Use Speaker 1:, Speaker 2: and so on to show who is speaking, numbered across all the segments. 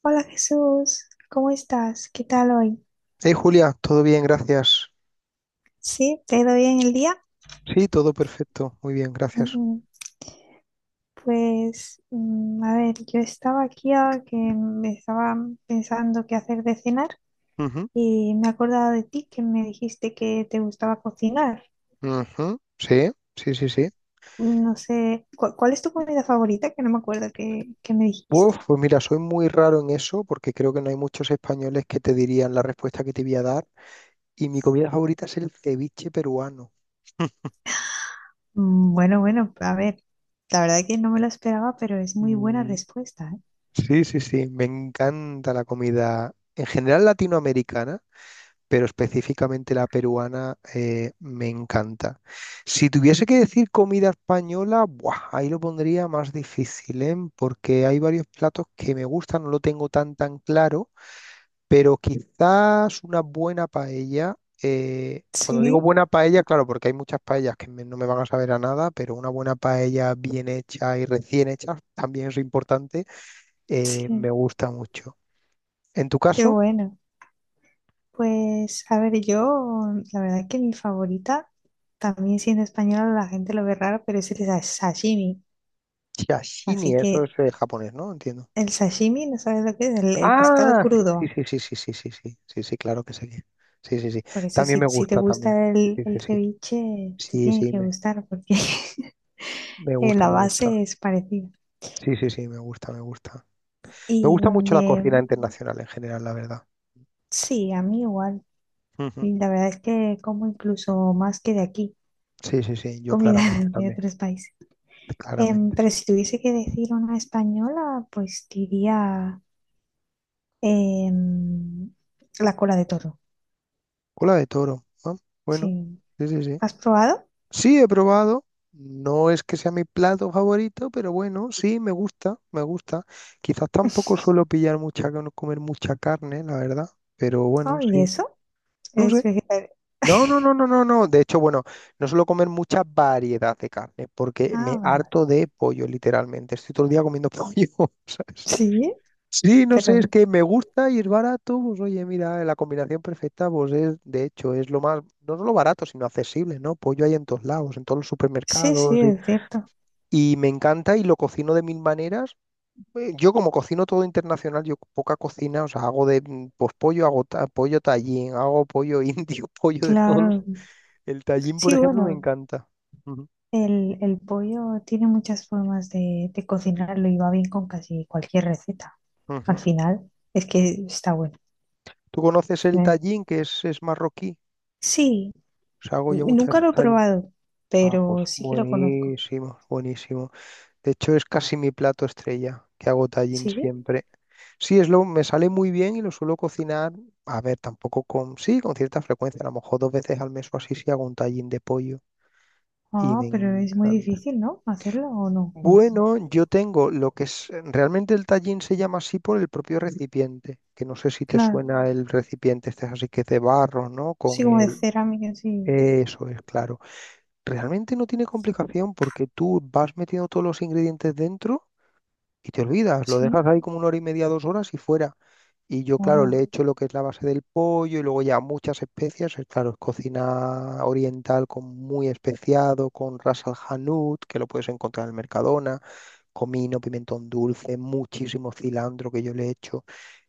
Speaker 1: Hola Jesús, ¿cómo estás? ¿Qué tal hoy?
Speaker 2: Hey Julia, todo bien, gracias.
Speaker 1: ¿Sí? ¿Te ha ido bien el día?
Speaker 2: Sí, todo perfecto, muy bien, gracias.
Speaker 1: Ujú. Pues, a ver, yo estaba aquí ahora que me estaba pensando qué hacer de cenar,
Speaker 2: Ujú,
Speaker 1: y me he acordado de ti, que me dijiste que te gustaba cocinar.
Speaker 2: ujú, Sí, sí, sí, sí.
Speaker 1: No sé, ¿cuál es tu comida favorita? Que no me acuerdo que me dijiste.
Speaker 2: Uf, pues mira, soy muy raro en eso porque creo que no hay muchos españoles que te dirían la respuesta que te voy a dar. Y mi comida favorita es el ceviche peruano.
Speaker 1: Bueno, bueno, a ver, la verdad que no me lo esperaba, pero es muy buena
Speaker 2: Mm.
Speaker 1: respuesta, ¿eh?
Speaker 2: Sí, sí, sí, me encanta la comida en general latinoamericana, pero específicamente la peruana, me encanta. Si tuviese que decir comida española, ¡buah!, ahí lo pondría más difícil, ¿eh? Porque hay varios platos que me gustan, no lo tengo tan tan claro, pero quizás una buena paella. Cuando digo
Speaker 1: Sí,
Speaker 2: buena paella, claro, porque hay muchas paellas que no me van a saber a nada, pero una buena paella bien hecha y recién hecha también es importante, me
Speaker 1: sí,
Speaker 2: gusta mucho. En tu
Speaker 1: qué
Speaker 2: caso,
Speaker 1: bueno. Pues, a ver, yo, la verdad es que mi favorita, también siendo española, la gente lo ve raro, pero es el sashimi.
Speaker 2: sashimi,
Speaker 1: Así
Speaker 2: eso
Speaker 1: que
Speaker 2: es, japonés, ¿no? Entiendo.
Speaker 1: el sashimi, ¿no sabes lo que es? El pescado
Speaker 2: Ah, sí,
Speaker 1: crudo.
Speaker 2: sí, sí, sí, sí, sí, sí, sí, sí, sí, claro que sí. Sí, sí, sí.
Speaker 1: Por eso,
Speaker 2: También
Speaker 1: si,
Speaker 2: me
Speaker 1: si te
Speaker 2: gusta también.
Speaker 1: gusta el,
Speaker 2: Sí, sí,
Speaker 1: el
Speaker 2: sí.
Speaker 1: ceviche, te
Speaker 2: Sí,
Speaker 1: tiene
Speaker 2: sí,
Speaker 1: que
Speaker 2: me,
Speaker 1: gustar, porque
Speaker 2: me gusta,
Speaker 1: la
Speaker 2: me gusta.
Speaker 1: base es parecida.
Speaker 2: Sí, sí, sí, me gusta, me gusta. Me
Speaker 1: Y
Speaker 2: gusta mucho la
Speaker 1: de,
Speaker 2: cocina internacional en general, la verdad.
Speaker 1: sí, a mí igual.
Speaker 2: Ujú.
Speaker 1: Y la verdad es que como incluso más que de aquí,
Speaker 2: Sí, sí, sí, yo
Speaker 1: comida
Speaker 2: claramente
Speaker 1: de
Speaker 2: también,
Speaker 1: otros países.
Speaker 2: claramente.
Speaker 1: Pero si tuviese que decir una española, pues diría. Em, la cola de toro,
Speaker 2: Cola de toro, ah, bueno,
Speaker 1: sí.
Speaker 2: sí, sí, sí.
Speaker 1: ¿Has probado?
Speaker 2: Sí, he probado. No es que sea mi plato favorito, pero bueno, sí, me gusta, me gusta. Quizás tampoco suelo pillar comer mucha carne, la verdad. Pero bueno,
Speaker 1: Oh, ¿y
Speaker 2: sí.
Speaker 1: eso?
Speaker 2: No
Speaker 1: Es
Speaker 2: sé.
Speaker 1: vegetariano.
Speaker 2: No, no, no, no, no, no. De hecho, bueno, no suelo comer mucha variedad de carne porque
Speaker 1: Ah,
Speaker 2: me
Speaker 1: vale, vale.
Speaker 2: harto de pollo, literalmente. Estoy todo el día comiendo pollo, ¿sabes?
Speaker 1: Sí,
Speaker 2: Sí, no sé, es
Speaker 1: pero
Speaker 2: que me gusta y es barato. Pues oye, mira, la combinación perfecta, pues es, de hecho, es lo más, no solo barato, sino accesible, ¿no? Pollo hay en todos lados, en todos los
Speaker 1: sí, sí,
Speaker 2: supermercados, y,
Speaker 1: es cierto.
Speaker 2: y me encanta y lo cocino de mil maneras. Yo como cocino todo internacional, yo poca cocina, o sea, hago pues, pollo, hago pollo tallín, hago pollo indio, pollo de todos los.
Speaker 1: Claro.
Speaker 2: El Tallín, por
Speaker 1: Sí,
Speaker 2: ejemplo, me
Speaker 1: bueno,
Speaker 2: encanta. Ujú,
Speaker 1: el pollo tiene muchas formas de cocinarlo, y va bien con casi cualquier receta. Al
Speaker 2: ujú.
Speaker 1: final, es que está bueno.
Speaker 2: ¿Tú conoces el
Speaker 1: Eh,
Speaker 2: Tallín, que es marroquí?
Speaker 1: Sí,
Speaker 2: O sea, hago yo muchas
Speaker 1: nunca lo
Speaker 2: veces
Speaker 1: he
Speaker 2: Tallín.
Speaker 1: probado,
Speaker 2: Ah, pues
Speaker 1: pero sí que lo conozco.
Speaker 2: buenísimo, buenísimo. De hecho, es casi mi plato estrella, que hago Tallín
Speaker 1: Sí.
Speaker 2: siempre. Sí, es lo, me sale muy bien y lo suelo cocinar, a ver, tampoco con, sí, con cierta frecuencia, a lo mejor dos veces al mes o así, sí hago un Tallín de pollo y
Speaker 1: Ah,
Speaker 2: me
Speaker 1: pero es muy
Speaker 2: encanta.
Speaker 1: difícil, ¿no? Hacerlo o no, pues.
Speaker 2: Bueno, yo tengo lo que es, realmente el tallín se llama así por el propio recipiente, que no sé si te
Speaker 1: Claro,
Speaker 2: suena el recipiente, este es así que es de barro, ¿no?
Speaker 1: sí,
Speaker 2: Con
Speaker 1: como de
Speaker 2: el,
Speaker 1: cerámica, sí,
Speaker 2: eso es, claro. Realmente no tiene complicación porque tú vas metiendo todos los ingredientes dentro y te olvidas, lo dejas
Speaker 1: sí,
Speaker 2: ahí como una hora y media, dos horas y fuera. Y yo, claro, le
Speaker 1: hola,
Speaker 2: echo lo que es la base del pollo y luego ya muchas especias. Es, claro, es cocina oriental con muy especiado, con ras al hanout, que lo puedes encontrar en el Mercadona, comino, pimentón dulce, muchísimo cilantro que yo le echo.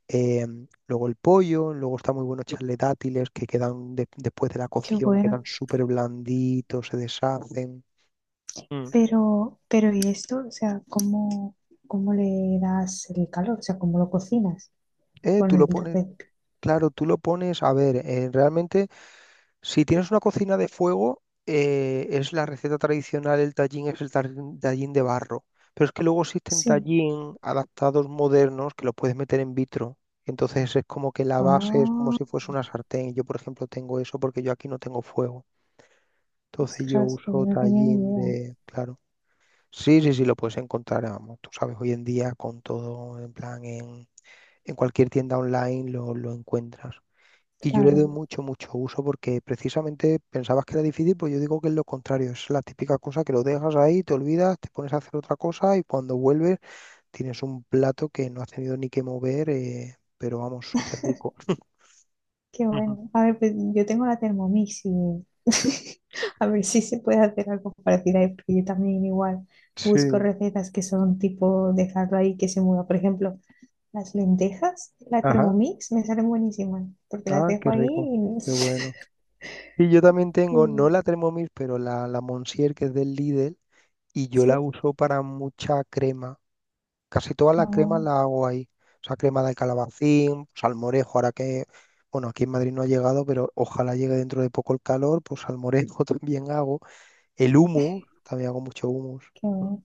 Speaker 2: Eh, luego el pollo, luego está muy bueno echarle dátiles que quedan después de la
Speaker 1: qué
Speaker 2: cocción, quedan
Speaker 1: bueno.
Speaker 2: súper blanditos, se deshacen. Mm.
Speaker 1: Pero ¿y esto? O sea, ¿cómo, cómo le das el calor? O sea, ¿cómo lo cocinas con
Speaker 2: Tú
Speaker 1: el
Speaker 2: lo pones,
Speaker 1: rep?
Speaker 2: claro, tú lo pones, a ver, realmente si tienes una cocina de fuego, es la receta tradicional, el tallín es el tallín de barro. Pero es que luego existen
Speaker 1: Sí.
Speaker 2: tallín adaptados modernos que los puedes meter en vitro. Entonces es como que la base es como
Speaker 1: Ah,
Speaker 2: si fuese una sartén. Yo, por ejemplo, tengo eso porque yo aquí no tengo fuego. Entonces yo
Speaker 1: ostras, pues
Speaker 2: uso
Speaker 1: no tenía ni
Speaker 2: tallín
Speaker 1: idea.
Speaker 2: de... Claro. Sí, sí, sí, lo puedes encontrar, vamos. Tú sabes, hoy en día con todo, en plan, en cualquier tienda online lo encuentras. Y yo le doy
Speaker 1: Claro,
Speaker 2: mucho, mucho uso porque precisamente pensabas que era difícil, pues yo digo que es lo contrario, es la típica cosa que lo dejas ahí, te olvidas, te pones a hacer otra cosa y cuando vuelves tienes un plato que no has tenido ni que mover, pero vamos, súper rico.
Speaker 1: qué
Speaker 2: Ujú.
Speaker 1: bueno. A ver, pues yo tengo la Thermomix, y a ver si se puede hacer algo parecido ahí, porque yo también igual busco
Speaker 2: Sí,
Speaker 1: recetas que son tipo dejarlo ahí que se mueva. Por ejemplo. Las lentejas, la
Speaker 2: ajá,
Speaker 1: Thermomix, me salen buenísimas, porque las
Speaker 2: ah,
Speaker 1: dejo
Speaker 2: qué
Speaker 1: ahí
Speaker 2: rico,
Speaker 1: y,
Speaker 2: qué bueno. Y yo también tengo, no
Speaker 1: y-
Speaker 2: la Thermomix, pero la Monsieur que es del Lidl, y yo la
Speaker 1: sí,
Speaker 2: uso para mucha crema. Casi toda la crema
Speaker 1: ah,
Speaker 2: la hago ahí. O sea, crema de calabacín, salmorejo, ahora que, bueno, aquí en Madrid no ha llegado, pero ojalá llegue dentro de poco el calor, pues salmorejo también hago. El humus, también hago mucho humus.
Speaker 1: qué
Speaker 2: Mm.
Speaker 1: bueno.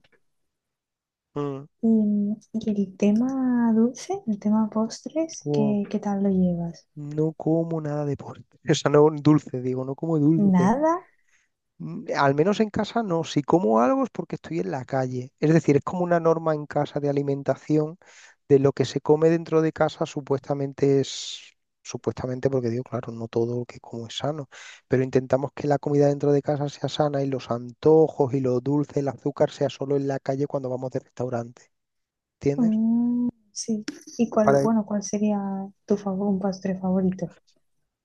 Speaker 2: Mm.
Speaker 1: Y, y el tema dulce, el tema postres,
Speaker 2: Wow.
Speaker 1: ¿qué, qué tal lo llevas?
Speaker 2: No como nada de postre. O sea, no dulce, digo, no como dulce.
Speaker 1: ¿Nada?
Speaker 2: Mm, al menos en casa no. Si como algo es porque estoy en la calle. Es decir, es como una norma en casa de alimentación de lo que se come dentro de casa, supuestamente es, supuestamente porque digo, claro, no todo lo que como es sano, pero intentamos que la comida dentro de casa sea sana y los antojos y lo dulce, el azúcar, sea solo en la calle cuando vamos de restaurante. ¿Entiendes?
Speaker 1: Sí. ¿Y cuál,
Speaker 2: Para...
Speaker 1: bueno, cuál sería tu favor, un postre favorito?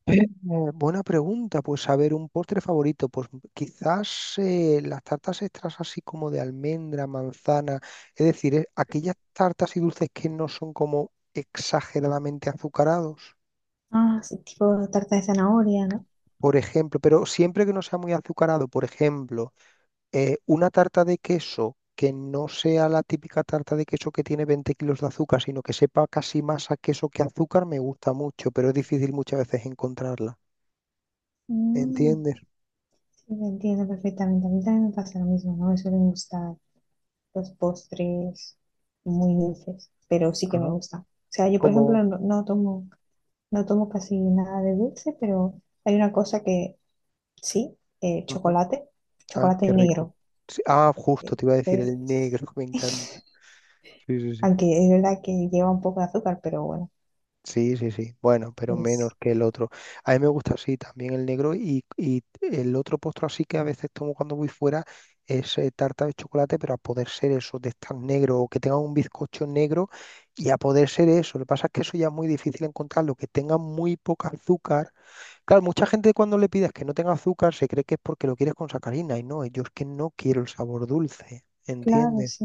Speaker 2: eh, buena pregunta, pues a ver, un postre favorito, pues quizás, las tartas extras así como de almendra, manzana, es decir, aquellas tartas y dulces que no son como exageradamente azucarados.
Speaker 1: Ah, sí, tipo tarta de zanahoria, ¿no?
Speaker 2: Por ejemplo, pero siempre que no sea muy azucarado, por ejemplo, una tarta de queso que no sea la típica tarta de queso que tiene 20 kilos de azúcar, sino que sepa casi más a queso que azúcar, me gusta mucho, pero es difícil muchas veces encontrarla.
Speaker 1: Mm,
Speaker 2: ¿Entiendes?
Speaker 1: sí, entiendo perfectamente. A mí también me pasa lo mismo, ¿no? Me suelen gustar los postres muy dulces, pero sí que me
Speaker 2: Ajá.
Speaker 1: gustan. O sea, yo, por ejemplo,
Speaker 2: Como...
Speaker 1: no, no tomo, no tomo casi nada de dulce, pero hay una cosa que sí,
Speaker 2: Ujú.
Speaker 1: chocolate,
Speaker 2: Ay,
Speaker 1: chocolate
Speaker 2: qué rico.
Speaker 1: negro.
Speaker 2: Sí, ah, justo,
Speaker 1: eh,
Speaker 2: te iba a decir
Speaker 1: eh,
Speaker 2: el negro, me encanta. Sí, sí, sí.
Speaker 1: Aunque es verdad que lleva un poco de azúcar, pero bueno,
Speaker 2: Sí, sí, sí. Bueno, pero menos
Speaker 1: es
Speaker 2: que el otro. A mí me gusta así también el negro, y el otro postre así que a veces tomo cuando voy fuera es, tarta de chocolate, pero a poder ser eso, de estar negro o que tenga un bizcocho negro, y a poder ser eso. Lo que pasa es que eso ya es muy difícil encontrarlo, que tenga muy poca azúcar. Claro, mucha gente cuando le pides que no tenga azúcar se cree que es porque lo quieres con sacarina, y no, yo es que no quiero el sabor dulce,
Speaker 1: claro,
Speaker 2: ¿entiendes?
Speaker 1: sí,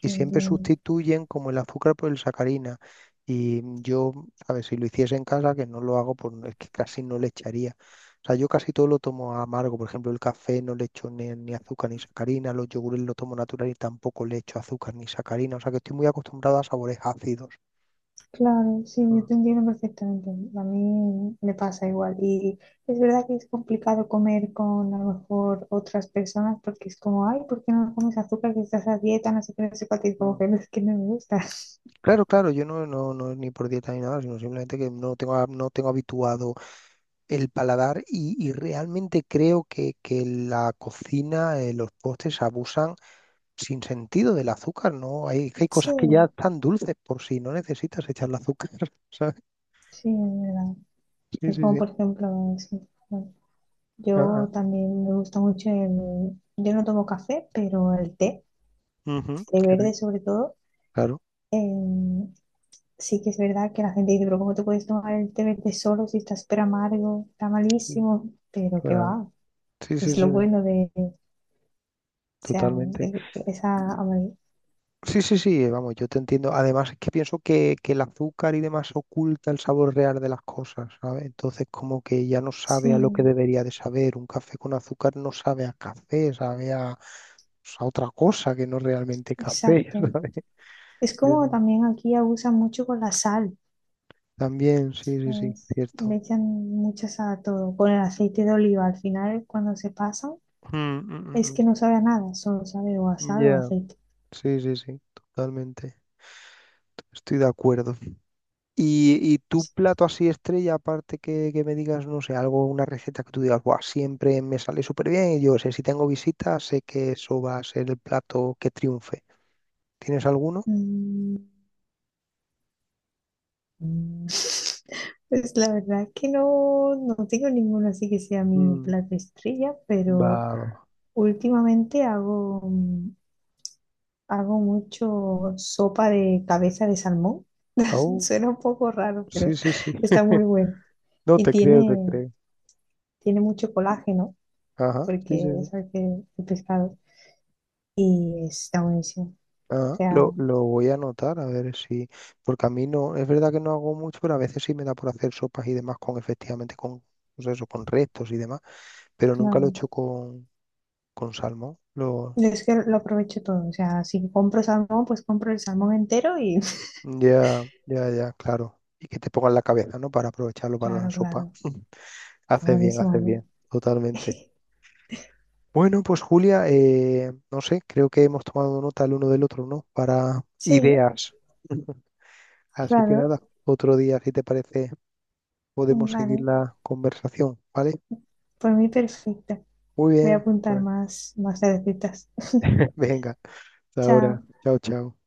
Speaker 2: Y siempre
Speaker 1: también.
Speaker 2: sustituyen como el azúcar por el sacarina. Y yo, ¿sabes? Si lo hiciese en casa, que no lo hago, pues es que casi no le echaría. O sea, yo casi todo lo tomo amargo. Por ejemplo, el café no le echo ni, ni azúcar ni sacarina, los yogures lo tomo natural y tampoco le echo azúcar ni sacarina. O sea, que estoy muy acostumbrado a sabores ácidos.
Speaker 1: Claro, sí, yo
Speaker 2: Mm,
Speaker 1: te entiendo perfectamente. A mí me pasa igual. Y es verdad que es complicado comer con a lo mejor otras personas, porque es como, ay, ¿por qué no comes azúcar que estás a dieta? No sé qué, no sé cuánto", y como
Speaker 2: mm.
Speaker 1: que no, es que no me gusta.
Speaker 2: Claro, claro, yo no, no, no es ni por dieta ni nada, sino simplemente que no tengo habituado el paladar, y realmente creo que, la cocina, los postres abusan sin sentido del azúcar, ¿no? Que hay cosas que ya
Speaker 1: Sí,
Speaker 2: están dulces por si no necesitas echarle azúcar, ¿sabes?
Speaker 1: sí, es verdad.
Speaker 2: Sí,
Speaker 1: Es
Speaker 2: sí,
Speaker 1: como,
Speaker 2: sí.
Speaker 1: por ejemplo, sí, bueno,
Speaker 2: Ah, ah.
Speaker 1: yo también me gusta mucho el... Yo no tomo café, pero el té,
Speaker 2: Ujú,
Speaker 1: té
Speaker 2: qué
Speaker 1: verde
Speaker 2: rico.
Speaker 1: sobre todo.
Speaker 2: Claro,
Speaker 1: em, sí que es verdad que la gente dice, pero ¿cómo te puedes tomar el té verde solo si está súper amargo? Está malísimo, pero que
Speaker 2: claro.
Speaker 1: va,
Speaker 2: Sí, sí,
Speaker 1: es
Speaker 2: sí,
Speaker 1: lo
Speaker 2: no,
Speaker 1: bueno de, o sea,
Speaker 2: totalmente.
Speaker 1: esa amargura.
Speaker 2: Sí, sí, sí, vamos, yo te entiendo. Además, es que pienso que, el azúcar y demás oculta el sabor real de las cosas, ¿sabes? Entonces, como que ya no sabe a lo que
Speaker 1: Sí,
Speaker 2: debería de saber. Un café con azúcar no sabe a café, sabe a, pues, a otra cosa que no es realmente café,
Speaker 1: exacto.
Speaker 2: ¿sabes?
Speaker 1: Es
Speaker 2: Eso
Speaker 1: como
Speaker 2: es.
Speaker 1: también aquí abusan mucho con la sal,
Speaker 2: También, sí, sí, sí,
Speaker 1: ¿sabes? Le
Speaker 2: cierto.
Speaker 1: echan mucha sal a todo, con el aceite de oliva. Al final, cuando se pasan,
Speaker 2: Mm, mm,
Speaker 1: es que
Speaker 2: mm,
Speaker 1: no sabe a nada, solo sabe o a
Speaker 2: mm.
Speaker 1: sal o a
Speaker 2: Ya,
Speaker 1: aceite.
Speaker 2: sí, sí, sí, totalmente. Estoy de acuerdo. ¿Y y tu plato así estrella, aparte que, me digas, no sé, algo, una receta que tú digas, "Buah, siempre me sale súper bien y yo sé, si tengo visitas, sé que eso va a ser el plato que triunfe"? ¿Tienes alguno?
Speaker 1: Mm, Pues la verdad es que no, no tengo ninguno así que sea mi
Speaker 2: Mm,
Speaker 1: plato estrella,
Speaker 2: va,
Speaker 1: pero
Speaker 2: va.
Speaker 1: últimamente hago, hago mucho sopa de cabeza de salmón.
Speaker 2: Oh,
Speaker 1: Suena un poco raro,
Speaker 2: sí,
Speaker 1: pero
Speaker 2: sí, sí.
Speaker 1: está muy bueno.
Speaker 2: No
Speaker 1: Y
Speaker 2: te creo, te
Speaker 1: tiene,
Speaker 2: creo.
Speaker 1: tiene mucho colágeno,
Speaker 2: Ajá, sí, sí,
Speaker 1: porque
Speaker 2: sí.
Speaker 1: es el, el pescado, y está buenísimo. O
Speaker 2: Ah,
Speaker 1: sea,
Speaker 2: lo voy a anotar, a ver si, porque a mí no, es verdad que no hago mucho, pero a veces sí me da por hacer sopas y demás con, efectivamente, con, pues eso, con restos y demás, pero nunca lo he
Speaker 1: claro,
Speaker 2: hecho con, salmón.
Speaker 1: es que lo aprovecho todo. O sea, si compro salmón, pues compro el salmón entero y...
Speaker 2: Ya, ya, ya, claro. Y que te pongan la cabeza, ¿no? Para aprovecharlo para la
Speaker 1: Claro,
Speaker 2: sopa.
Speaker 1: claro, está buenísimo,
Speaker 2: Haces
Speaker 1: hombre.
Speaker 2: bien, totalmente. Bueno, pues Julia, no sé, creo que hemos tomado nota el uno del otro, ¿no? Para
Speaker 1: Sí.
Speaker 2: ideas. Así que
Speaker 1: Claro,
Speaker 2: nada, otro día, si te parece, podemos seguir
Speaker 1: vale.
Speaker 2: la conversación, ¿vale?
Speaker 1: Por mí perfecto.
Speaker 2: Muy
Speaker 1: Voy a
Speaker 2: bien,
Speaker 1: apuntar
Speaker 2: pues
Speaker 1: más, más recetas.
Speaker 2: venga, hasta ahora.
Speaker 1: Chao.
Speaker 2: Chao, chao.